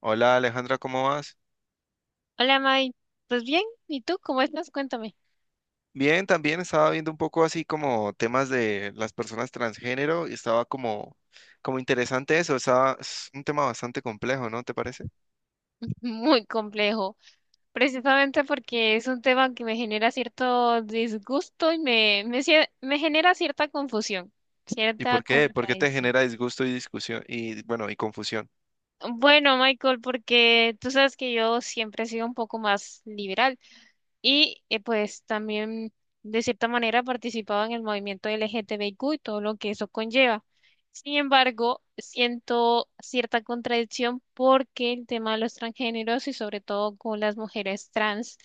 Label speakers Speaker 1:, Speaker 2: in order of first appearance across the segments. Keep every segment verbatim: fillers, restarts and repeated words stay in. Speaker 1: Hola Alejandra, ¿cómo vas?
Speaker 2: Hola, May. Pues bien, ¿y tú cómo estás? Cuéntame.
Speaker 1: Bien, también estaba viendo un poco así como temas de las personas transgénero y estaba como, como interesante eso, estaba, es un tema bastante complejo, ¿no te parece?
Speaker 2: Muy complejo, precisamente porque es un tema que me genera cierto disgusto y me, me, cie- me genera cierta confusión,
Speaker 1: ¿Y
Speaker 2: cierta
Speaker 1: por qué? ¿Por qué te
Speaker 2: contradicción.
Speaker 1: genera disgusto y discusión y bueno, y confusión?
Speaker 2: Bueno, Michael, porque tú sabes que yo siempre he sido un poco más liberal. Y eh, pues también de cierta manera participaba en el movimiento L G T B I Q y todo lo que eso conlleva. Sin embargo, siento cierta contradicción porque el tema de los transgéneros y sobre todo con las mujeres trans,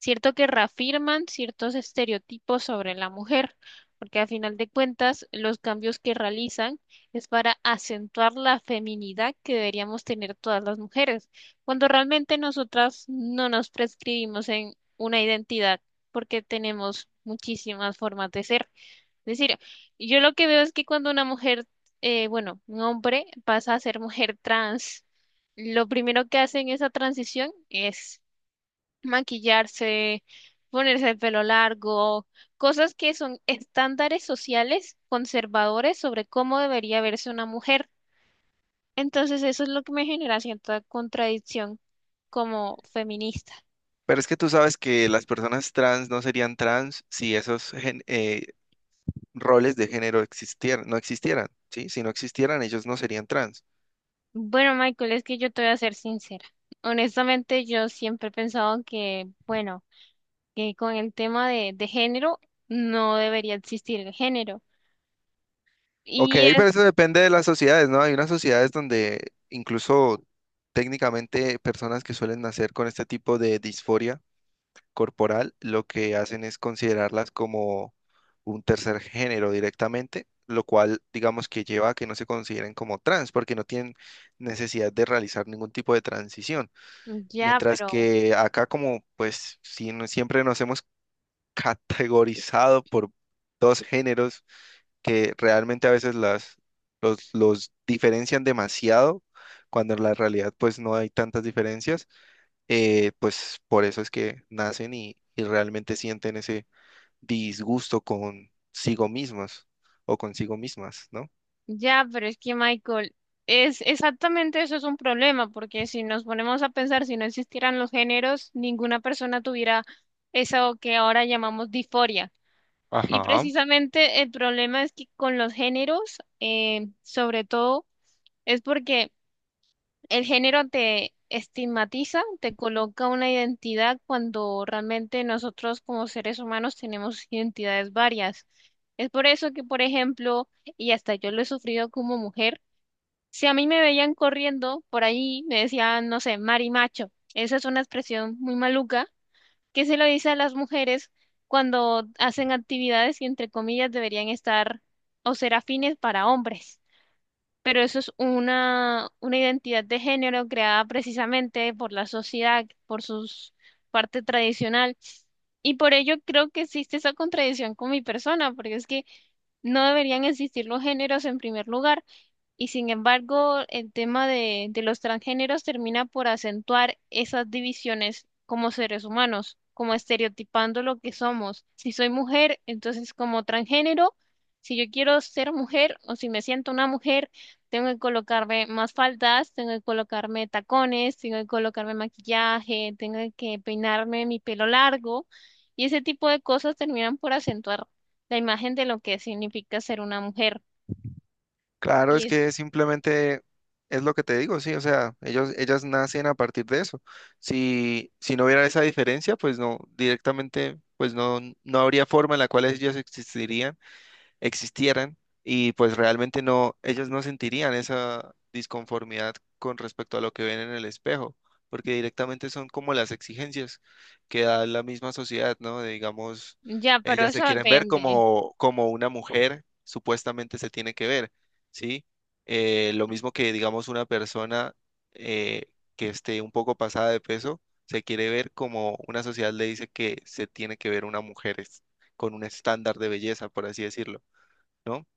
Speaker 2: cierto que reafirman ciertos estereotipos sobre la mujer, porque a final de cuentas los cambios que realizan es para acentuar la feminidad que deberíamos tener todas las mujeres, cuando realmente nosotras no nos prescribimos en una identidad porque tenemos muchísimas formas de ser. Es decir, yo lo que veo es que cuando una mujer, eh, bueno, un hombre pasa a ser mujer trans, lo primero que hacen esa transición es maquillarse, ponerse el pelo largo, cosas que son estándares sociales conservadores sobre cómo debería verse una mujer. Entonces eso es lo que me genera cierta contradicción como feminista.
Speaker 1: Pero es que tú sabes que las personas trans no serían trans si esos gen- eh, roles de género existieran, no existieran, ¿sí? Si no existieran, ellos no serían trans.
Speaker 2: Bueno, Michael, es que yo te voy a ser sincera. Honestamente, yo siempre he pensado que, bueno, que con el tema de, de género no debería existir el género.
Speaker 1: Ok,
Speaker 2: Y
Speaker 1: pero
Speaker 2: es,
Speaker 1: eso depende de las sociedades, ¿no? Hay unas sociedades donde incluso técnicamente personas que suelen nacer con este tipo de disforia corporal, lo que hacen es considerarlas como un tercer género directamente, lo cual digamos que lleva a que no se consideren como trans, porque no tienen necesidad de realizar ningún tipo de transición.
Speaker 2: ya,
Speaker 1: Mientras
Speaker 2: pero
Speaker 1: que acá como pues si, no- siempre nos hemos categorizado por dos géneros que realmente a veces las, los, los diferencian demasiado, cuando en la realidad pues no hay tantas diferencias, eh, pues por eso es que nacen y, y realmente sienten ese disgusto consigo mismos o consigo mismas, ¿no?
Speaker 2: ya, pero es que Michael, es exactamente eso es un problema, porque si nos ponemos a pensar, si no existieran los géneros, ninguna persona tuviera eso que ahora llamamos disforia. Y
Speaker 1: Ajá.
Speaker 2: precisamente el problema es que con los géneros, eh, sobre todo, es porque el género te estigmatiza, te coloca una identidad cuando realmente nosotros como seres humanos tenemos identidades varias. Es por eso que, por ejemplo, y hasta yo lo he sufrido como mujer, si a mí me veían corriendo por ahí, me decían, no sé, marimacho. Esa es una expresión muy maluca que se lo dice a las mujeres cuando hacen actividades que, entre comillas, deberían estar o ser afines para hombres. Pero eso es una, una identidad de género creada precisamente por la sociedad, por su parte tradicional. Y por ello creo que existe esa contradicción con mi persona, porque es que no deberían existir los géneros en primer lugar y sin embargo, el tema de, de los transgéneros termina por acentuar esas divisiones como seres humanos, como estereotipando lo que somos. Si soy mujer, entonces como transgénero, si yo quiero ser mujer o si me siento una mujer, tengo que colocarme más faldas, tengo que colocarme tacones, tengo que colocarme maquillaje, tengo que peinarme mi pelo largo. Y ese tipo de cosas terminan por acentuar la imagen de lo que significa ser una mujer.
Speaker 1: Claro,
Speaker 2: Y
Speaker 1: es
Speaker 2: es
Speaker 1: que simplemente es lo que te digo, sí, o sea, ellos, ellas nacen a partir de eso. Si, si no hubiera esa diferencia, pues no, directamente, pues no, no habría forma en la cual ellas existirían existieran y pues realmente no, ellos no sentirían esa disconformidad con respecto a lo que ven en el espejo, porque directamente son como las exigencias que da la misma sociedad, ¿no? De, digamos,
Speaker 2: ya, pero
Speaker 1: ellas se
Speaker 2: eso
Speaker 1: quieren ver
Speaker 2: depende.
Speaker 1: como, como una mujer supuestamente se tiene que ver, ¿sí? Eh, lo mismo que, digamos, una persona eh, que esté un poco pasada de peso, se quiere ver como una sociedad le dice que se tiene que ver una mujer es- con un estándar de belleza, por así decirlo. ¿No?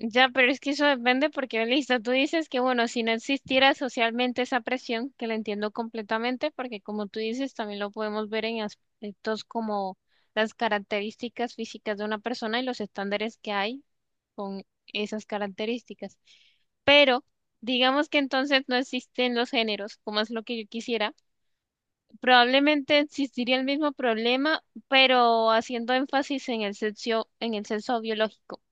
Speaker 2: Ya, pero es que eso depende porque, listo, tú dices que, bueno, si no existiera socialmente esa presión, que la entiendo completamente, porque como tú dices, también lo podemos ver en aspectos como las características físicas de una persona y los estándares que hay con esas características. Pero digamos que entonces no existen los géneros, como es lo que yo quisiera. Probablemente existiría el mismo problema, pero haciendo énfasis en el sexo, en el sexo biológico,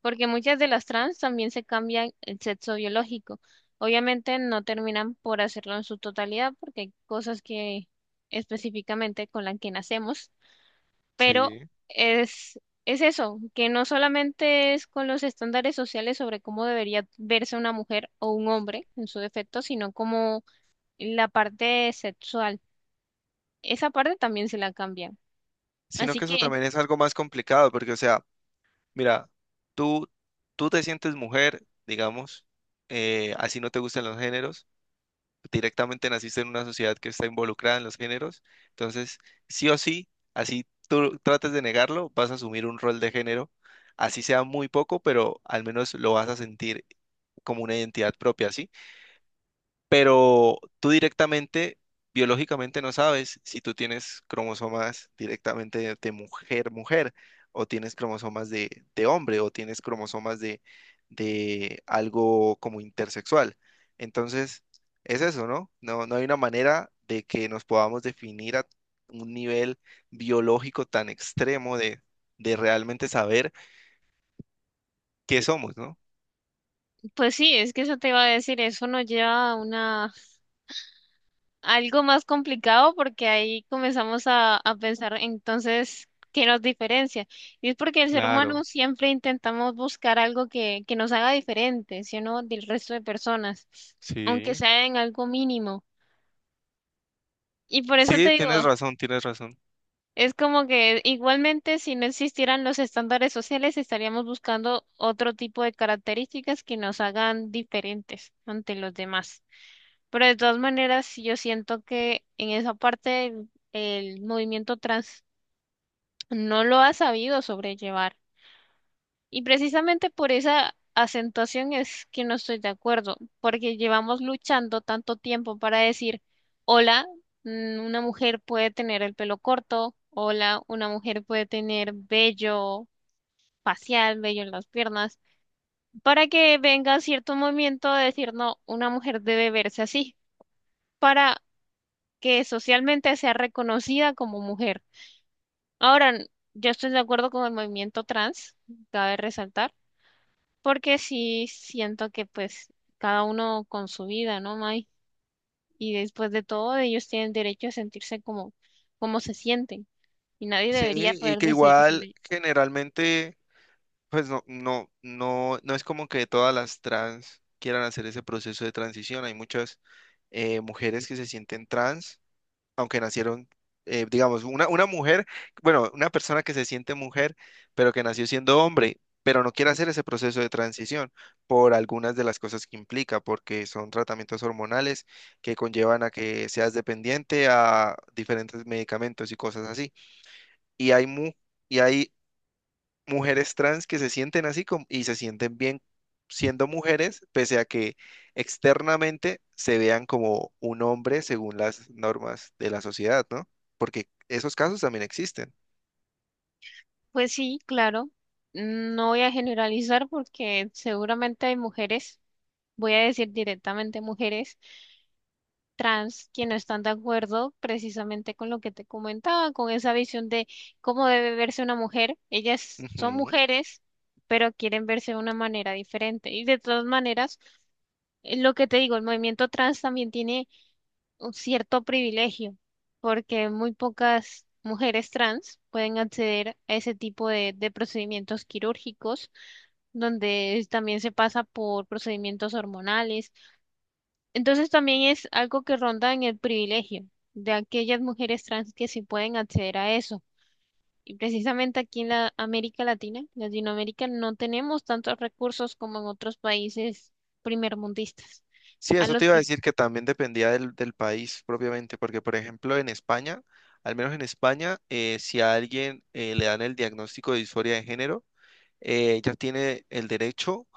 Speaker 2: porque muchas de las trans también se cambian el sexo biológico. Obviamente no terminan por hacerlo en su totalidad porque hay cosas que específicamente con las que nacemos, pero
Speaker 1: Sí.
Speaker 2: es, es eso, que no solamente es con los estándares sociales sobre cómo debería verse una mujer o un hombre en su defecto, sino como la parte sexual. Esa parte también se la cambian.
Speaker 1: Sino
Speaker 2: Así
Speaker 1: que eso
Speaker 2: que,
Speaker 1: también es algo más complicado, porque, o sea, mira, tú, tú te sientes mujer, digamos, eh, así no te gustan los géneros, directamente naciste en una sociedad que está involucrada en los géneros, entonces, sí o sí, así tú trates de negarlo, vas a asumir un rol de género, así sea muy poco, pero al menos lo vas a sentir como una identidad propia, ¿sí? Pero tú directamente, biológicamente no sabes si tú tienes cromosomas directamente de, de mujer, mujer, o tienes cromosomas de, de hombre, o tienes cromosomas de, de algo como intersexual. Entonces, es eso, ¿no? No, no hay una manera de que nos podamos definir a un nivel biológico tan extremo de, de realmente saber qué somos, ¿no?
Speaker 2: pues sí, es que eso te iba a decir, eso nos lleva a una, algo más complicado porque ahí comenzamos a, a pensar entonces qué nos diferencia. Y es porque el ser humano
Speaker 1: Claro,
Speaker 2: siempre intentamos buscar algo que, que nos haga diferente, ¿sí o no? Del resto de personas, aunque
Speaker 1: sí.
Speaker 2: sea en algo mínimo. Y por eso te
Speaker 1: Sí,
Speaker 2: digo,
Speaker 1: tienes razón, tienes razón.
Speaker 2: es como que igualmente si no existieran los estándares sociales, estaríamos buscando otro tipo de características que nos hagan diferentes ante los demás. Pero de todas maneras, sí, yo siento que en esa parte el, el movimiento trans no lo ha sabido sobrellevar. Y precisamente por esa acentuación es que no estoy de acuerdo, porque llevamos luchando tanto tiempo para decir, hola, mm, una mujer puede tener el pelo corto, hola, una mujer puede tener vello facial, vello en las piernas, para que venga cierto movimiento de decir, no, una mujer debe verse así, para que socialmente sea reconocida como mujer. Ahora, n- yo estoy de acuerdo con el movimiento trans, cabe resaltar, porque sí siento que pues cada uno con su vida, ¿no, May? Y después de todo, ellos tienen derecho a sentirse como, como se sienten y nadie
Speaker 1: Sí,
Speaker 2: debería
Speaker 1: y
Speaker 2: poder
Speaker 1: que
Speaker 2: decir
Speaker 1: igual
Speaker 2: sobre ello.
Speaker 1: generalmente, pues no, no, no, no es como que todas las trans quieran hacer ese proceso de transición. Hay muchas eh, mujeres que se sienten trans, aunque nacieron, eh, digamos, una, una mujer, bueno, una persona que se siente mujer, pero que nació siendo hombre, pero no quiere hacer ese proceso de transición por algunas de las cosas que implica, porque son tratamientos hormonales que conllevan a que seas dependiente a diferentes medicamentos y cosas así y hay, mu y hay mujeres trans que se sienten así como, y se sienten bien siendo mujeres, pese a que externamente se vean como un hombre según las normas de la sociedad, ¿no? Porque esos casos también existen.
Speaker 2: Pues sí, claro, no voy a generalizar porque seguramente hay mujeres, voy a decir directamente mujeres trans que no están de acuerdo precisamente con lo que te comentaba, con esa visión de cómo debe verse una mujer. Ellas son
Speaker 1: Ujú.
Speaker 2: mujeres, pero quieren verse de una manera diferente. Y de todas maneras, eh, lo que te digo, el movimiento trans también tiene un cierto privilegio, porque muy pocas mujeres trans pueden acceder a ese tipo de, de procedimientos quirúrgicos, donde también se pasa por procedimientos hormonales, entonces también es algo que ronda en el privilegio de aquellas mujeres trans que sí pueden acceder a eso. Y precisamente aquí en la América Latina, Latinoamérica, no tenemos tantos recursos como en otros países primermundistas.
Speaker 1: Sí,
Speaker 2: A
Speaker 1: eso te
Speaker 2: los
Speaker 1: iba a
Speaker 2: que...
Speaker 1: decir que también dependía del, del país propiamente, porque por ejemplo en España, al menos en España, eh, si a alguien eh, le dan el diagnóstico de disforia de género, eh, ella tiene el derecho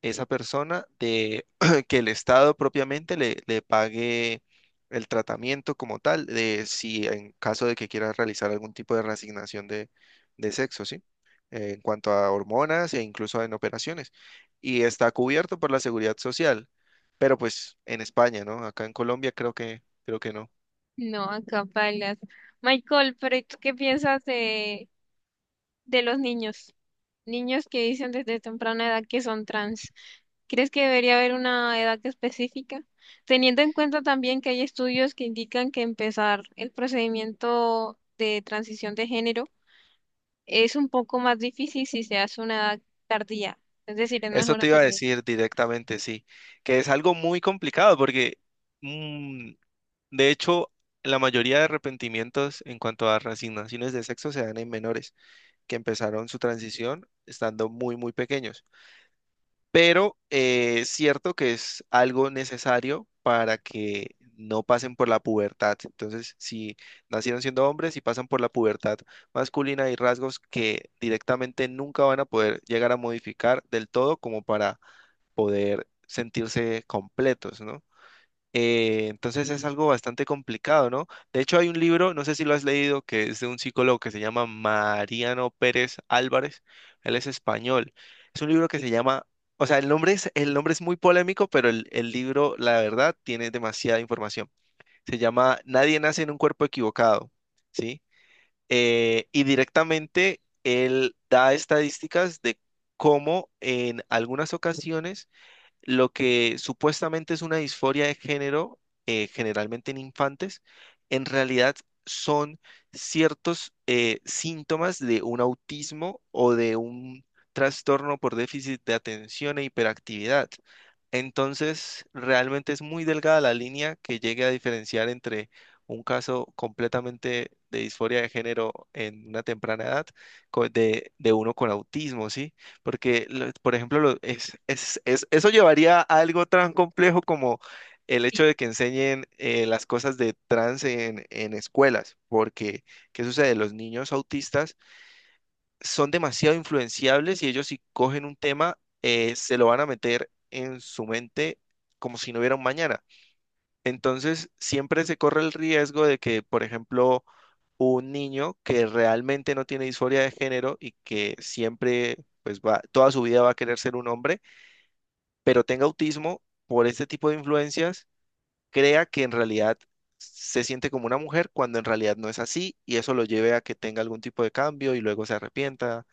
Speaker 1: esa persona de que el Estado propiamente le, le pague el tratamiento como tal, de si en caso de que quiera realizar algún tipo de reasignación de, de sexo, ¿sí? Eh, en cuanto a hormonas e incluso en operaciones. Y está cubierto por la seguridad social, pero pues en España, ¿no? Acá en Colombia creo que, creo que no.
Speaker 2: No, acá bailas. Michael, pero ¿y tú qué piensas de? De los niños, niños que dicen desde temprana edad que son trans. ¿Crees que debería haber una edad específica? Teniendo en cuenta también que hay estudios que indican que empezar el procedimiento de transición de género es un poco más difícil si se hace a una edad tardía, es decir, es
Speaker 1: Eso
Speaker 2: mejor
Speaker 1: te iba a
Speaker 2: hacerlo.
Speaker 1: decir directamente, sí, que es algo muy complicado porque... mm, de hecho, la mayoría de arrepentimientos en cuanto a resignaciones de sexo se dan en menores que empezaron su transición estando muy, muy pequeños. Pero eh, es cierto que es algo necesario para que no pasen por la pubertad. Entonces, si nacieron siendo hombres y pasan por la pubertad masculina, hay rasgos que directamente nunca van a poder llegar a modificar del todo como para poder sentirse completos, ¿no? Eh, entonces es algo bastante complicado, ¿no? De hecho, hay un libro, no sé si lo has leído, que es de un psicólogo que se llama Mariano Pérez Álvarez. Él es español. Es un libro que se llama, o sea, el nombre es, el nombre es muy polémico, pero el, el libro, la verdad, tiene demasiada información. Se llama Nadie nace en un cuerpo equivocado, ¿sí? Eh, y directamente él da estadísticas de cómo en algunas ocasiones lo que supuestamente es una disforia de género, eh, generalmente en infantes, en realidad son ciertos eh, síntomas de un autismo o de un trastorno por déficit de atención e hiperactividad. Entonces, realmente es muy delgada la línea que llegue a diferenciar entre un caso completamente de disforia de género en una temprana edad co- de, de uno con autismo, ¿sí? Porque, lo- por ejemplo, lo- es, es- es- eso llevaría a algo tan complejo como el hecho de que enseñen eh, las cosas de trans en, en escuelas. Porque, ¿qué sucede? Los niños autistas son demasiado influenciables y ellos si cogen un tema, eh, se lo van a meter en su mente como si no hubiera un mañana. Entonces, siempre se corre el riesgo de que, por ejemplo, un niño que realmente no tiene disforia de género y que siempre, pues va, toda su vida va a querer ser un hombre, pero tenga autismo por este tipo de influencias, crea que en realidad se siente como una mujer cuando en realidad no es así y eso lo lleve a que tenga algún tipo de cambio y luego se arrepienta.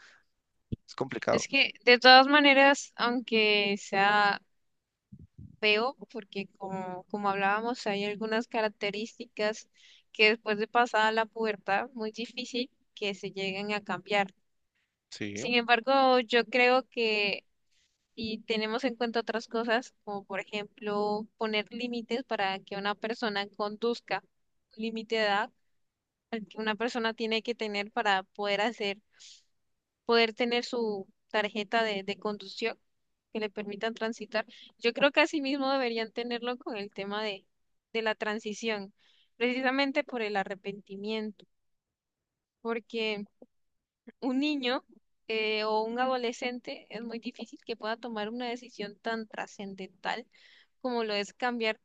Speaker 1: Es
Speaker 2: Es
Speaker 1: complicado.
Speaker 2: que de todas maneras, aunque sea feo porque como, como hablábamos, hay algunas características que después de pasada la pubertad, muy difícil que se lleguen a cambiar.
Speaker 1: Sí.
Speaker 2: Sin embargo, yo creo que si tenemos en cuenta otras cosas, como por ejemplo poner límites para que una persona conduzca, un límite de edad al que una persona tiene que tener para poder hacer, poder tener su tarjeta de, de conducción que le permitan transitar. Yo creo que así mismo deberían tenerlo con el tema de, de la transición, precisamente por el arrepentimiento, porque un niño eh, o un adolescente es muy difícil que pueda tomar una decisión tan trascendental como lo es cambiar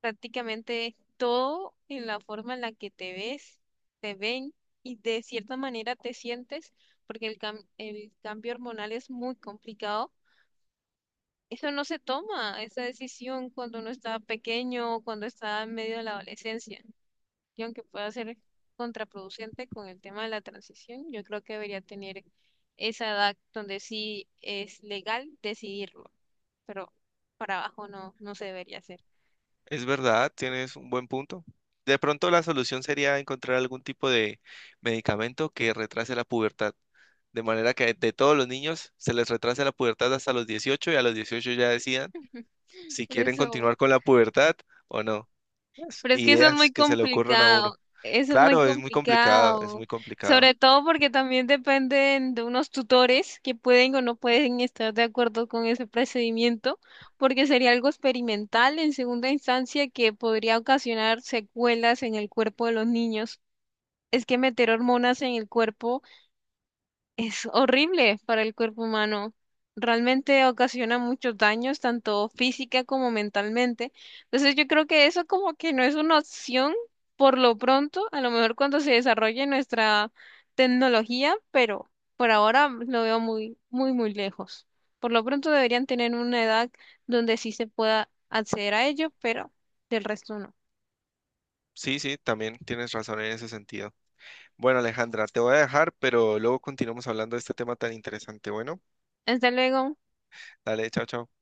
Speaker 2: prácticamente todo en la forma en la que te ves, te ven y de cierta manera te sientes, porque el cam- el cambio hormonal es muy complicado. Eso no se toma, esa decisión cuando uno está pequeño o cuando está en medio de la adolescencia. Y aunque pueda ser contraproducente con el tema de la transición, yo creo que debería tener esa edad donde sí es legal decidirlo, pero para abajo no, no se debería hacer.
Speaker 1: Es verdad, tienes un buen punto. De pronto la solución sería encontrar algún tipo de medicamento que retrase la pubertad, de manera que de todos los niños se les retrase la pubertad hasta los dieciocho y a los dieciocho ya decidan si
Speaker 2: Por
Speaker 1: quieren
Speaker 2: eso,
Speaker 1: continuar con la pubertad o no. Pues,
Speaker 2: pero es que eso es
Speaker 1: ideas
Speaker 2: muy
Speaker 1: que se le ocurren a uno.
Speaker 2: complicado, eso es muy
Speaker 1: Claro, es muy complicado, es
Speaker 2: complicado,
Speaker 1: muy complicado.
Speaker 2: sobre todo porque también dependen de unos tutores que pueden o no pueden estar de acuerdo con ese procedimiento, porque sería algo experimental en segunda instancia que podría ocasionar secuelas en el cuerpo de los niños. Es que meter hormonas en el cuerpo es horrible para el cuerpo humano. Realmente ocasiona muchos daños, tanto física como mentalmente. Entonces yo creo que eso como que no es una opción por lo pronto, a lo mejor cuando se desarrolle nuestra tecnología, pero por ahora lo veo muy, muy, muy lejos. Por lo pronto deberían tener una edad donde sí se pueda acceder a ello, pero del resto no.
Speaker 1: Sí, sí, también tienes razón en ese sentido. Bueno, Alejandra, te voy a dejar, pero luego continuamos hablando de este tema tan interesante. Bueno,
Speaker 2: Hasta luego.
Speaker 1: dale, chao, chao.